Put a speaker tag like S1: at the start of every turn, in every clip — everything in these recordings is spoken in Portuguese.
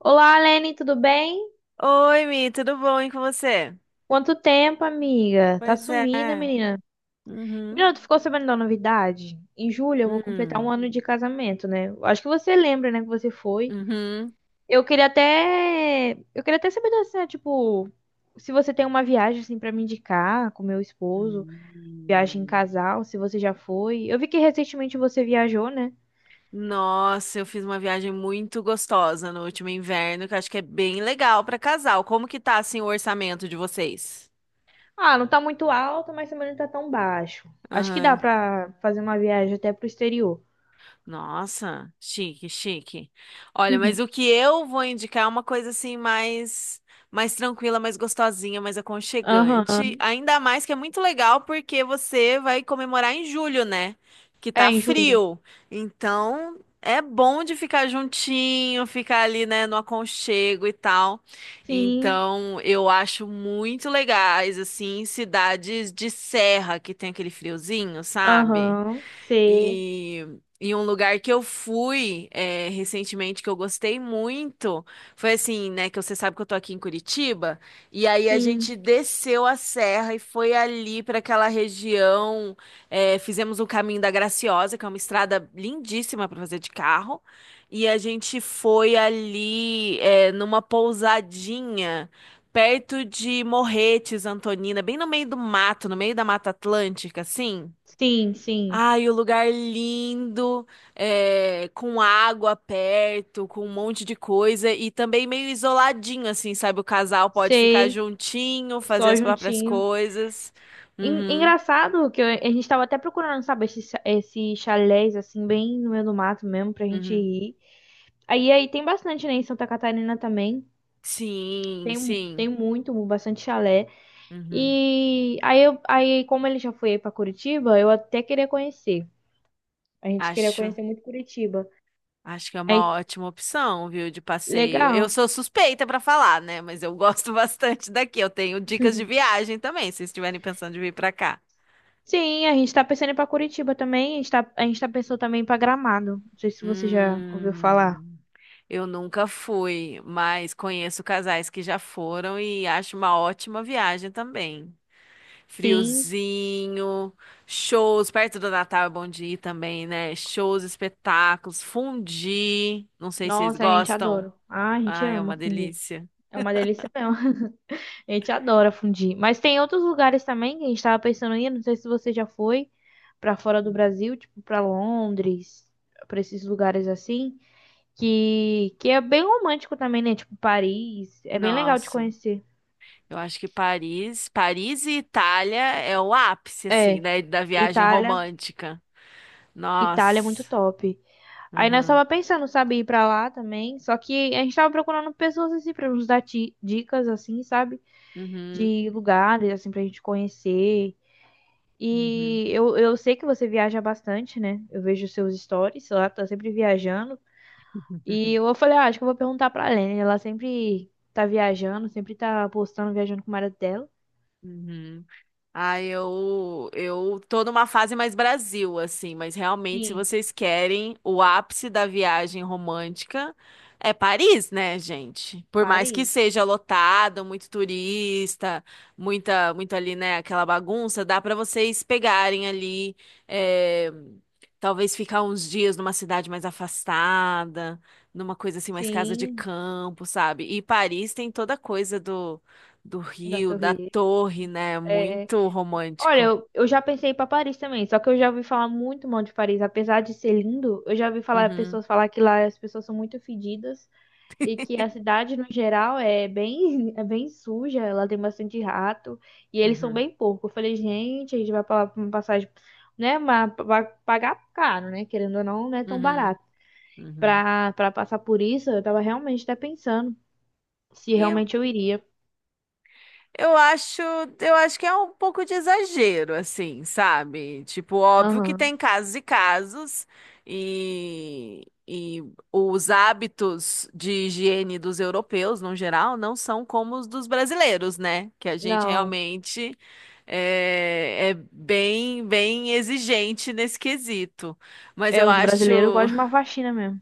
S1: Olá, Lene, tudo bem?
S2: Oi, Mi, tudo bom, hein, com você?
S1: Quanto tempo, amiga? Tá
S2: Pois
S1: sumida,
S2: é.
S1: menina.
S2: Uhum.
S1: Menina, tu ficou sabendo da novidade? Em julho eu vou completar um
S2: Hum.
S1: ano de casamento, né? Eu acho que você lembra, né, que você foi.
S2: Uhum.
S1: Eu queria até saber assim, né, tipo, se você tem uma viagem assim para me indicar com meu esposo, viagem em
S2: Hum.
S1: casal, se você já foi. Eu vi que recentemente você viajou, né?
S2: Nossa, eu fiz uma viagem muito gostosa no último inverno, que eu acho que é bem legal para casal. Como que tá, assim, o orçamento de vocês?
S1: Ah, não tá muito alto, mas também não tá tão baixo. Acho que dá pra fazer uma viagem até pro exterior.
S2: Nossa, chique, chique. Olha, mas
S1: Uhum.
S2: o que eu vou indicar é uma coisa assim mais tranquila, mais gostosinha, mais aconchegante.
S1: Aham.
S2: Ainda mais que é muito legal porque você vai comemorar em julho, né? Que
S1: É,
S2: tá
S1: em julho.
S2: frio. Então, é bom de ficar juntinho, ficar ali, né, no aconchego e tal.
S1: Sim,
S2: Então, eu acho muito legais assim cidades de serra que tem aquele friozinho, sabe?
S1: aham, sei,
S2: E, e um lugar que eu fui recentemente que eu gostei muito foi assim, né? Que você sabe que eu tô aqui em Curitiba. E aí a
S1: sim,
S2: gente desceu a serra e foi ali para aquela região. Fizemos o caminho da Graciosa, que é uma estrada lindíssima para fazer de carro. E a gente foi ali numa pousadinha. Perto de Morretes, Antonina, bem no meio do mato, no meio da Mata Atlântica, assim.
S1: sim, sim,
S2: Ai, o lugar lindo, com água perto, com um monte de coisa e também meio isoladinho, assim, sabe? O casal pode ficar
S1: sei,
S2: juntinho, fazer
S1: só
S2: as próprias
S1: juntinho.
S2: coisas.
S1: En-
S2: Uhum,
S1: Engraçado que a gente tava até procurando, sabe, esses chalés, assim, bem no meio do mato mesmo, pra gente
S2: uhum.
S1: ir. Aí tem bastante, né, em Santa Catarina também,
S2: Sim,
S1: tem,
S2: sim.
S1: tem muito, bastante chalé.
S2: Uhum.
S1: E aí, como ele já foi aí pra Curitiba, eu até queria conhecer. A gente queria
S2: Acho,
S1: conhecer muito Curitiba.
S2: acho que é
S1: Aí,
S2: uma ótima opção, viu, de passeio. Eu
S1: legal.
S2: sou suspeita pra falar, né? Mas eu gosto bastante daqui. Eu tenho dicas de viagem também, se estiverem pensando de vir pra cá.
S1: Sim, a gente tá pensando em ir pra Curitiba também. A gente tá pensando também em ir pra Gramado. Não sei se você já ouviu falar.
S2: Hum. Eu nunca fui, mas conheço casais que já foram e acho uma ótima viagem também.
S1: Sim,
S2: Friozinho, shows, perto do Natal é bom de ir também, né? Shows, espetáculos, fundi, não sei se vocês
S1: nossa, a gente
S2: gostam.
S1: adora. Ah, a gente
S2: Ah, é
S1: ama
S2: uma
S1: fundir.
S2: delícia.
S1: É uma delícia mesmo. A gente adora fundir. Mas tem outros lugares também que a gente tava pensando em ir. Não sei se você já foi pra fora do Brasil, tipo pra Londres, pra esses lugares assim. Que é bem romântico também, né? Tipo Paris. É bem legal de
S2: Nossa,
S1: conhecer.
S2: eu acho que Paris, Paris e Itália é o ápice, assim,
S1: É,
S2: né, da viagem
S1: Itália.
S2: romântica.
S1: Itália é
S2: Nossa.
S1: muito top. Aí nós
S2: Uhum.
S1: tava pensando, sabe, ir pra lá também. Só que a gente tava procurando pessoas assim pra nos dar dicas, assim, sabe?
S2: Uhum.
S1: De lugares, assim, pra gente conhecer.
S2: Uhum.
S1: E eu sei que você viaja bastante, né? Eu vejo seus stories, sei lá, tá sempre viajando. E eu falei, ah, acho que eu vou perguntar pra Lene. Ela sempre tá viajando, sempre tá postando, viajando com o marido dela.
S2: Uhum. Ah, eu tô numa fase mais Brasil, assim, mas realmente, se
S1: Sim,
S2: vocês querem o ápice da viagem romântica, é Paris, né, gente? Por mais que
S1: Paris.
S2: seja lotado, muito turista, muito ali, né, aquela bagunça, dá pra vocês pegarem ali, é, talvez ficar uns dias numa cidade mais afastada, numa coisa assim, mais casa de
S1: Sim,
S2: campo, sabe? E Paris tem toda a coisa do
S1: da
S2: rio, da
S1: Torre Eiffel.
S2: torre, né?
S1: É, é.
S2: Muito
S1: Olha,
S2: romântico.
S1: eu já pensei para Paris também, só que eu já ouvi falar muito mal de Paris, apesar de ser lindo, eu já ouvi falar
S2: Uhum,
S1: pessoas falar que lá as pessoas são muito fedidas e que a cidade no geral é bem é bem suja, ela tem bastante rato e eles são
S2: uhum,
S1: bem porco. Eu falei, gente, a gente vai para uma passagem, né, mas vai pagar caro, né, querendo ou não, não é tão
S2: uhum,
S1: barato.
S2: uhum.
S1: Para passar por isso, eu tava realmente até pensando se
S2: E eu,
S1: realmente eu iria.
S2: eu acho, eu acho que é um pouco de exagero, assim, sabe? Tipo, óbvio que
S1: Aham.
S2: tem casos e casos, e os hábitos de higiene dos europeus, no geral, não são como os dos brasileiros, né? Que a gente
S1: Não,
S2: realmente é bem, exigente nesse quesito. Mas
S1: é,
S2: eu
S1: os
S2: acho.
S1: brasileiros gostam de uma faxina mesmo.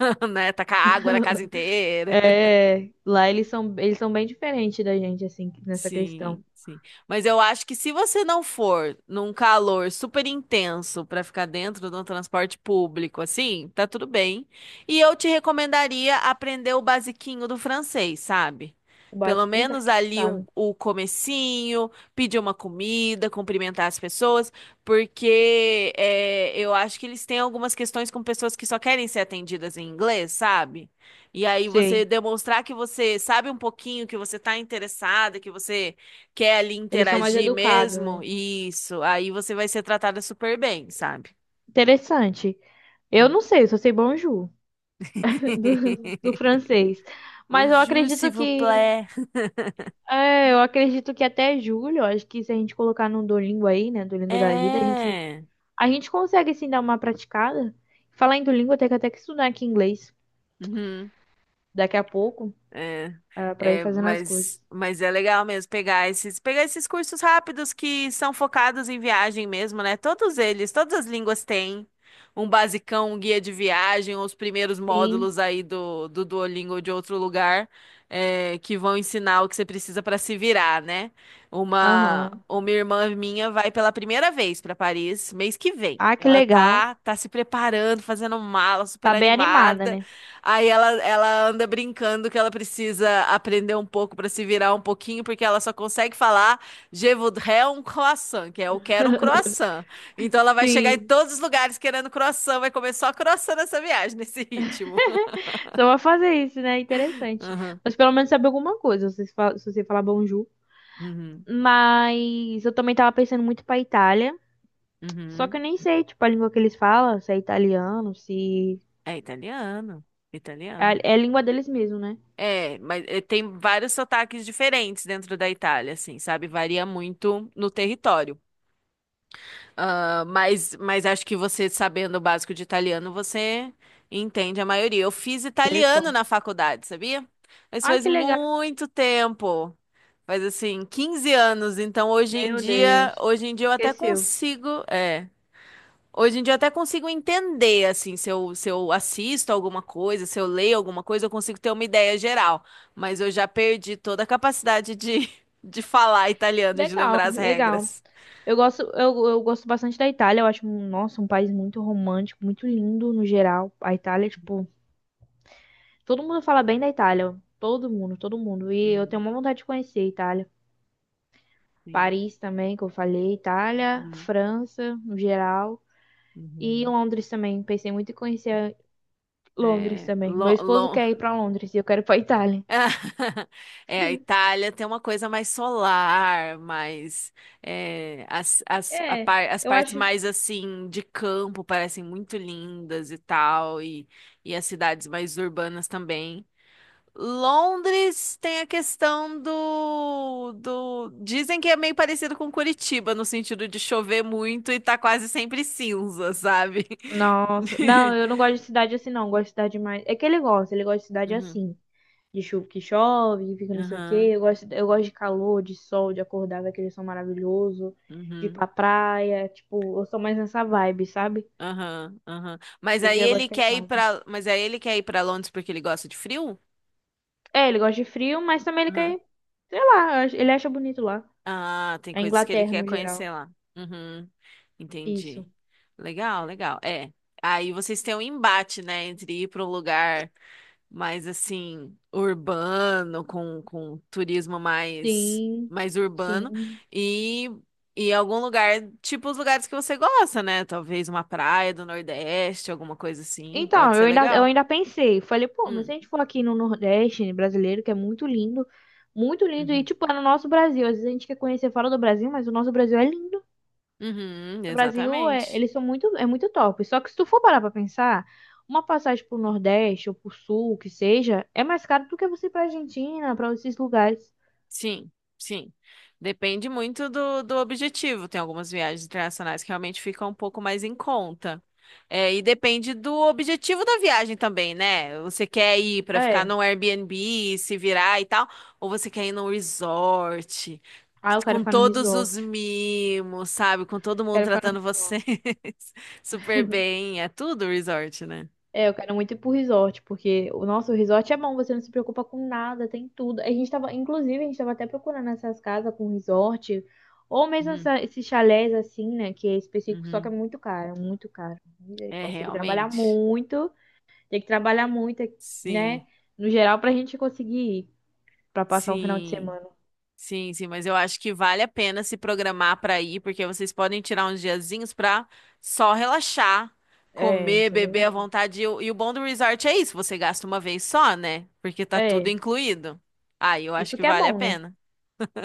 S2: né? Tacar água na casa inteira.
S1: É, lá eles são bem diferentes da gente, assim, nessa questão.
S2: Sim, sim. Mas eu acho que se você não for num calor super intenso pra ficar dentro de um transporte público, assim, tá tudo bem. E eu te recomendaria aprender o basiquinho do francês, sabe?
S1: O
S2: Pelo
S1: básico, então, a
S2: menos
S1: gente não
S2: ali o,
S1: sabe.
S2: o comecinho, pedir uma comida, cumprimentar as pessoas, porque eu acho que eles têm algumas questões com pessoas que só querem ser atendidas em inglês, sabe? E aí você
S1: Sim.
S2: demonstrar que você sabe um pouquinho, que você tá interessada, que você quer ali
S1: Eles são mais
S2: interagir
S1: educados,
S2: mesmo,
S1: né?
S2: isso, aí você vai ser tratada super bem, sabe?
S1: Interessante. Eu
S2: Hum.
S1: não sei, eu só sei bonjour do francês. Mas eu
S2: Bonjour,
S1: acredito
S2: s'il vous
S1: que.
S2: plaît.
S1: É, eu acredito que até julho, eu acho que se a gente colocar no Duolingo aí, né? Duolingo da vida, a gente,
S2: É.
S1: a gente consegue sim dar uma praticada. Falar em Duolingo, eu tenho que até que estudar aqui inglês
S2: Uhum.
S1: daqui a pouco,
S2: É,
S1: ah, pra ir
S2: é,
S1: fazendo as
S2: mas,
S1: coisas.
S2: mas é legal mesmo pegar esses cursos rápidos que são focados em viagem mesmo, né? Todos eles, todas as línguas têm um basicão, um guia de viagem, os primeiros
S1: Sim.
S2: módulos aí do Duolingo ou de outro lugar, que vão ensinar o que você precisa para se virar, né? Uma,
S1: Aham.
S2: uma irmã minha vai pela primeira vez para Paris mês que vem.
S1: Ah, que
S2: Ela
S1: legal.
S2: tá se preparando, fazendo mala, super
S1: Tá bem animada,
S2: animada.
S1: né?
S2: Aí ela anda brincando que ela precisa aprender um pouco para se virar um pouquinho, porque ela só consegue falar Je voudrais un croissant, que é eu quero um croissant. Então ela vai chegar em
S1: Sim.
S2: todos os lugares querendo croissant, vai comer só croissant nessa viagem, nesse ritmo.
S1: Só vou fazer isso, né? Interessante.
S2: Aham,
S1: Mas pelo menos saber alguma coisa, se você se você falar bonjour.
S2: uhum,
S1: Mas eu também tava pensando muito pra Itália. Só que
S2: uhum.
S1: eu nem sei, tipo, a língua que eles falam, se é italiano, se.
S2: É italiano,
S1: É,
S2: italiano.
S1: é a língua deles mesmo, né?
S2: É, mas tem vários sotaques diferentes dentro da Itália, assim, sabe? Varia muito no território. Ah, mas acho que você, sabendo o básico de italiano, você entende a maioria. Eu fiz italiano
S1: Misericórdia.
S2: na faculdade, sabia? Mas
S1: Ai,
S2: faz
S1: que legal.
S2: muito tempo. Faz assim, 15 anos. Então hoje em
S1: Meu
S2: dia,
S1: Deus.
S2: hoje em dia eu até
S1: Esqueceu.
S2: consigo, é, hoje em dia eu até consigo entender assim, se eu assisto alguma coisa, se eu leio alguma coisa, eu consigo ter uma ideia geral. Mas eu já perdi toda a capacidade de, de falar italiano, de
S1: Legal,
S2: lembrar as
S1: legal.
S2: regras.
S1: Eu, eu gosto bastante da Itália. Eu acho, nossa, um país muito romântico, muito lindo no geral. A Itália, tipo, todo mundo fala bem da Itália. Todo mundo. E eu
S2: Uhum,
S1: tenho uma vontade de conhecer a Itália.
S2: sim.
S1: Paris também, que eu falei. Itália,
S2: Uhum.
S1: França, no geral. E
S2: Uhum.
S1: Londres também. Pensei muito em conhecer Londres
S2: É,
S1: também. Meu esposo quer ir pra Londres e eu quero ir pra Itália.
S2: É, a Itália tem uma coisa mais solar, mais
S1: É,
S2: as
S1: eu
S2: partes
S1: acho.
S2: mais assim de campo parecem muito lindas e tal, e as cidades mais urbanas também. Londres tem a questão do. Dizem que é meio parecido com Curitiba, no sentido de chover muito e tá quase sempre cinza, sabe?
S1: Nossa, não, eu não gosto de cidade assim, não. Eu gosto de cidade mais. É que ele gosta de cidade
S2: Uhum,
S1: assim. De chu que chove, que fica não sei o quê.
S2: uhum,
S1: Eu gosto de calor, de sol, de acordar ver aquele sol maravilhoso, de ir
S2: uhum.
S1: pra praia. Tipo, eu sou mais nessa vibe, sabe?
S2: Aham, aham. Mas
S1: Ele
S2: aí
S1: já gosta de
S2: ele
S1: ficar em
S2: quer ir
S1: casa.
S2: pra. Mas aí ele quer ir para Londres porque ele gosta de frio?
S1: É, ele gosta de frio, mas também ele
S2: Aham.
S1: quer, sei lá, eu ele acha bonito lá.
S2: Ah, tem
S1: A
S2: coisas que ele
S1: Inglaterra
S2: quer
S1: no
S2: conhecer
S1: geral.
S2: lá. Uhum, entendi.
S1: Isso.
S2: Legal, legal. É. Aí vocês têm um embate, né, entre ir para um lugar mais assim urbano, com turismo mais
S1: Sim,
S2: mais urbano
S1: sim.
S2: e e algum lugar, tipo os lugares que você gosta, né? Talvez uma praia do Nordeste, alguma coisa assim,
S1: Então,
S2: pode ser
S1: eu ainda, eu
S2: legal.
S1: ainda pensei, falei, pô, mas se a gente for aqui no Nordeste brasileiro, que é muito lindo, e
S2: Hum.
S1: tipo, é no nosso Brasil, às vezes a gente quer conhecer fora do Brasil, mas o nosso Brasil é lindo.
S2: Uhum,
S1: Do Brasil, é,
S2: exatamente.
S1: eles são muito, é muito top. Só que se tu for parar pra pensar, uma passagem pro Nordeste ou pro Sul, que seja, é mais caro do que você ir pra Argentina, pra esses lugares.
S2: Sim, sim. Depende muito do objetivo. Tem algumas viagens internacionais que realmente ficam um pouco mais em conta. É, e depende do objetivo da viagem também, né? Você quer ir para ficar
S1: É,
S2: num Airbnb, se virar e tal, ou você quer ir num resort,
S1: ah, eu quero
S2: com
S1: ficar no
S2: todos os
S1: resort.
S2: mimos, sabe? Com todo mundo
S1: Quero ficar no
S2: tratando você
S1: resort.
S2: super bem. É tudo resort, né?
S1: É, eu quero muito ir pro resort, porque o nosso resort é bom, você não se preocupa com nada, tem tudo. A gente tava, inclusive, a gente tava até procurando essas casas com resort, ou mesmo
S2: Uhum,
S1: esses chalés assim, né, que é específico, só que é
S2: uhum.
S1: muito caro, muito caro.
S2: É,
S1: Misericórdia, tem que trabalhar
S2: realmente.
S1: muito. Tem que trabalhar muito,
S2: Sim.
S1: né? No geral, pra gente conseguir ir, pra passar um final de
S2: Sim,
S1: semana.
S2: sim, sim, mas eu acho que vale a pena se programar para ir, porque vocês podem tirar uns diazinhos para só relaxar,
S1: É,
S2: comer,
S1: isso é
S2: beber à
S1: verdade.
S2: vontade. E o bom do resort é isso, você gasta uma vez só, né? Porque tá tudo
S1: É,
S2: incluído. Aí eu acho
S1: isso
S2: que
S1: que é
S2: vale a
S1: bom, né?
S2: pena.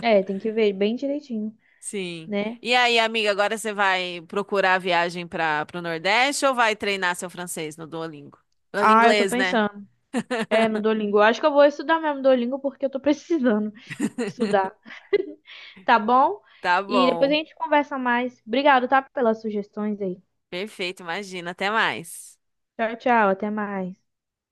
S1: É, tem que ver bem direitinho,
S2: Sim.
S1: né?
S2: E aí, amiga, agora você vai procurar a viagem para o Nordeste ou vai treinar seu francês no Duolingo? No
S1: Ah, eu tô
S2: inglês, né?
S1: pensando. É, no Duolingo. Eu acho que eu vou estudar mesmo Duolingo porque eu tô precisando estudar. Tá bom?
S2: Tá
S1: E depois a
S2: bom.
S1: gente conversa mais. Obrigado, tá? Pelas sugestões aí.
S2: Perfeito, imagina. Até mais.
S1: Tchau, tchau. Até mais.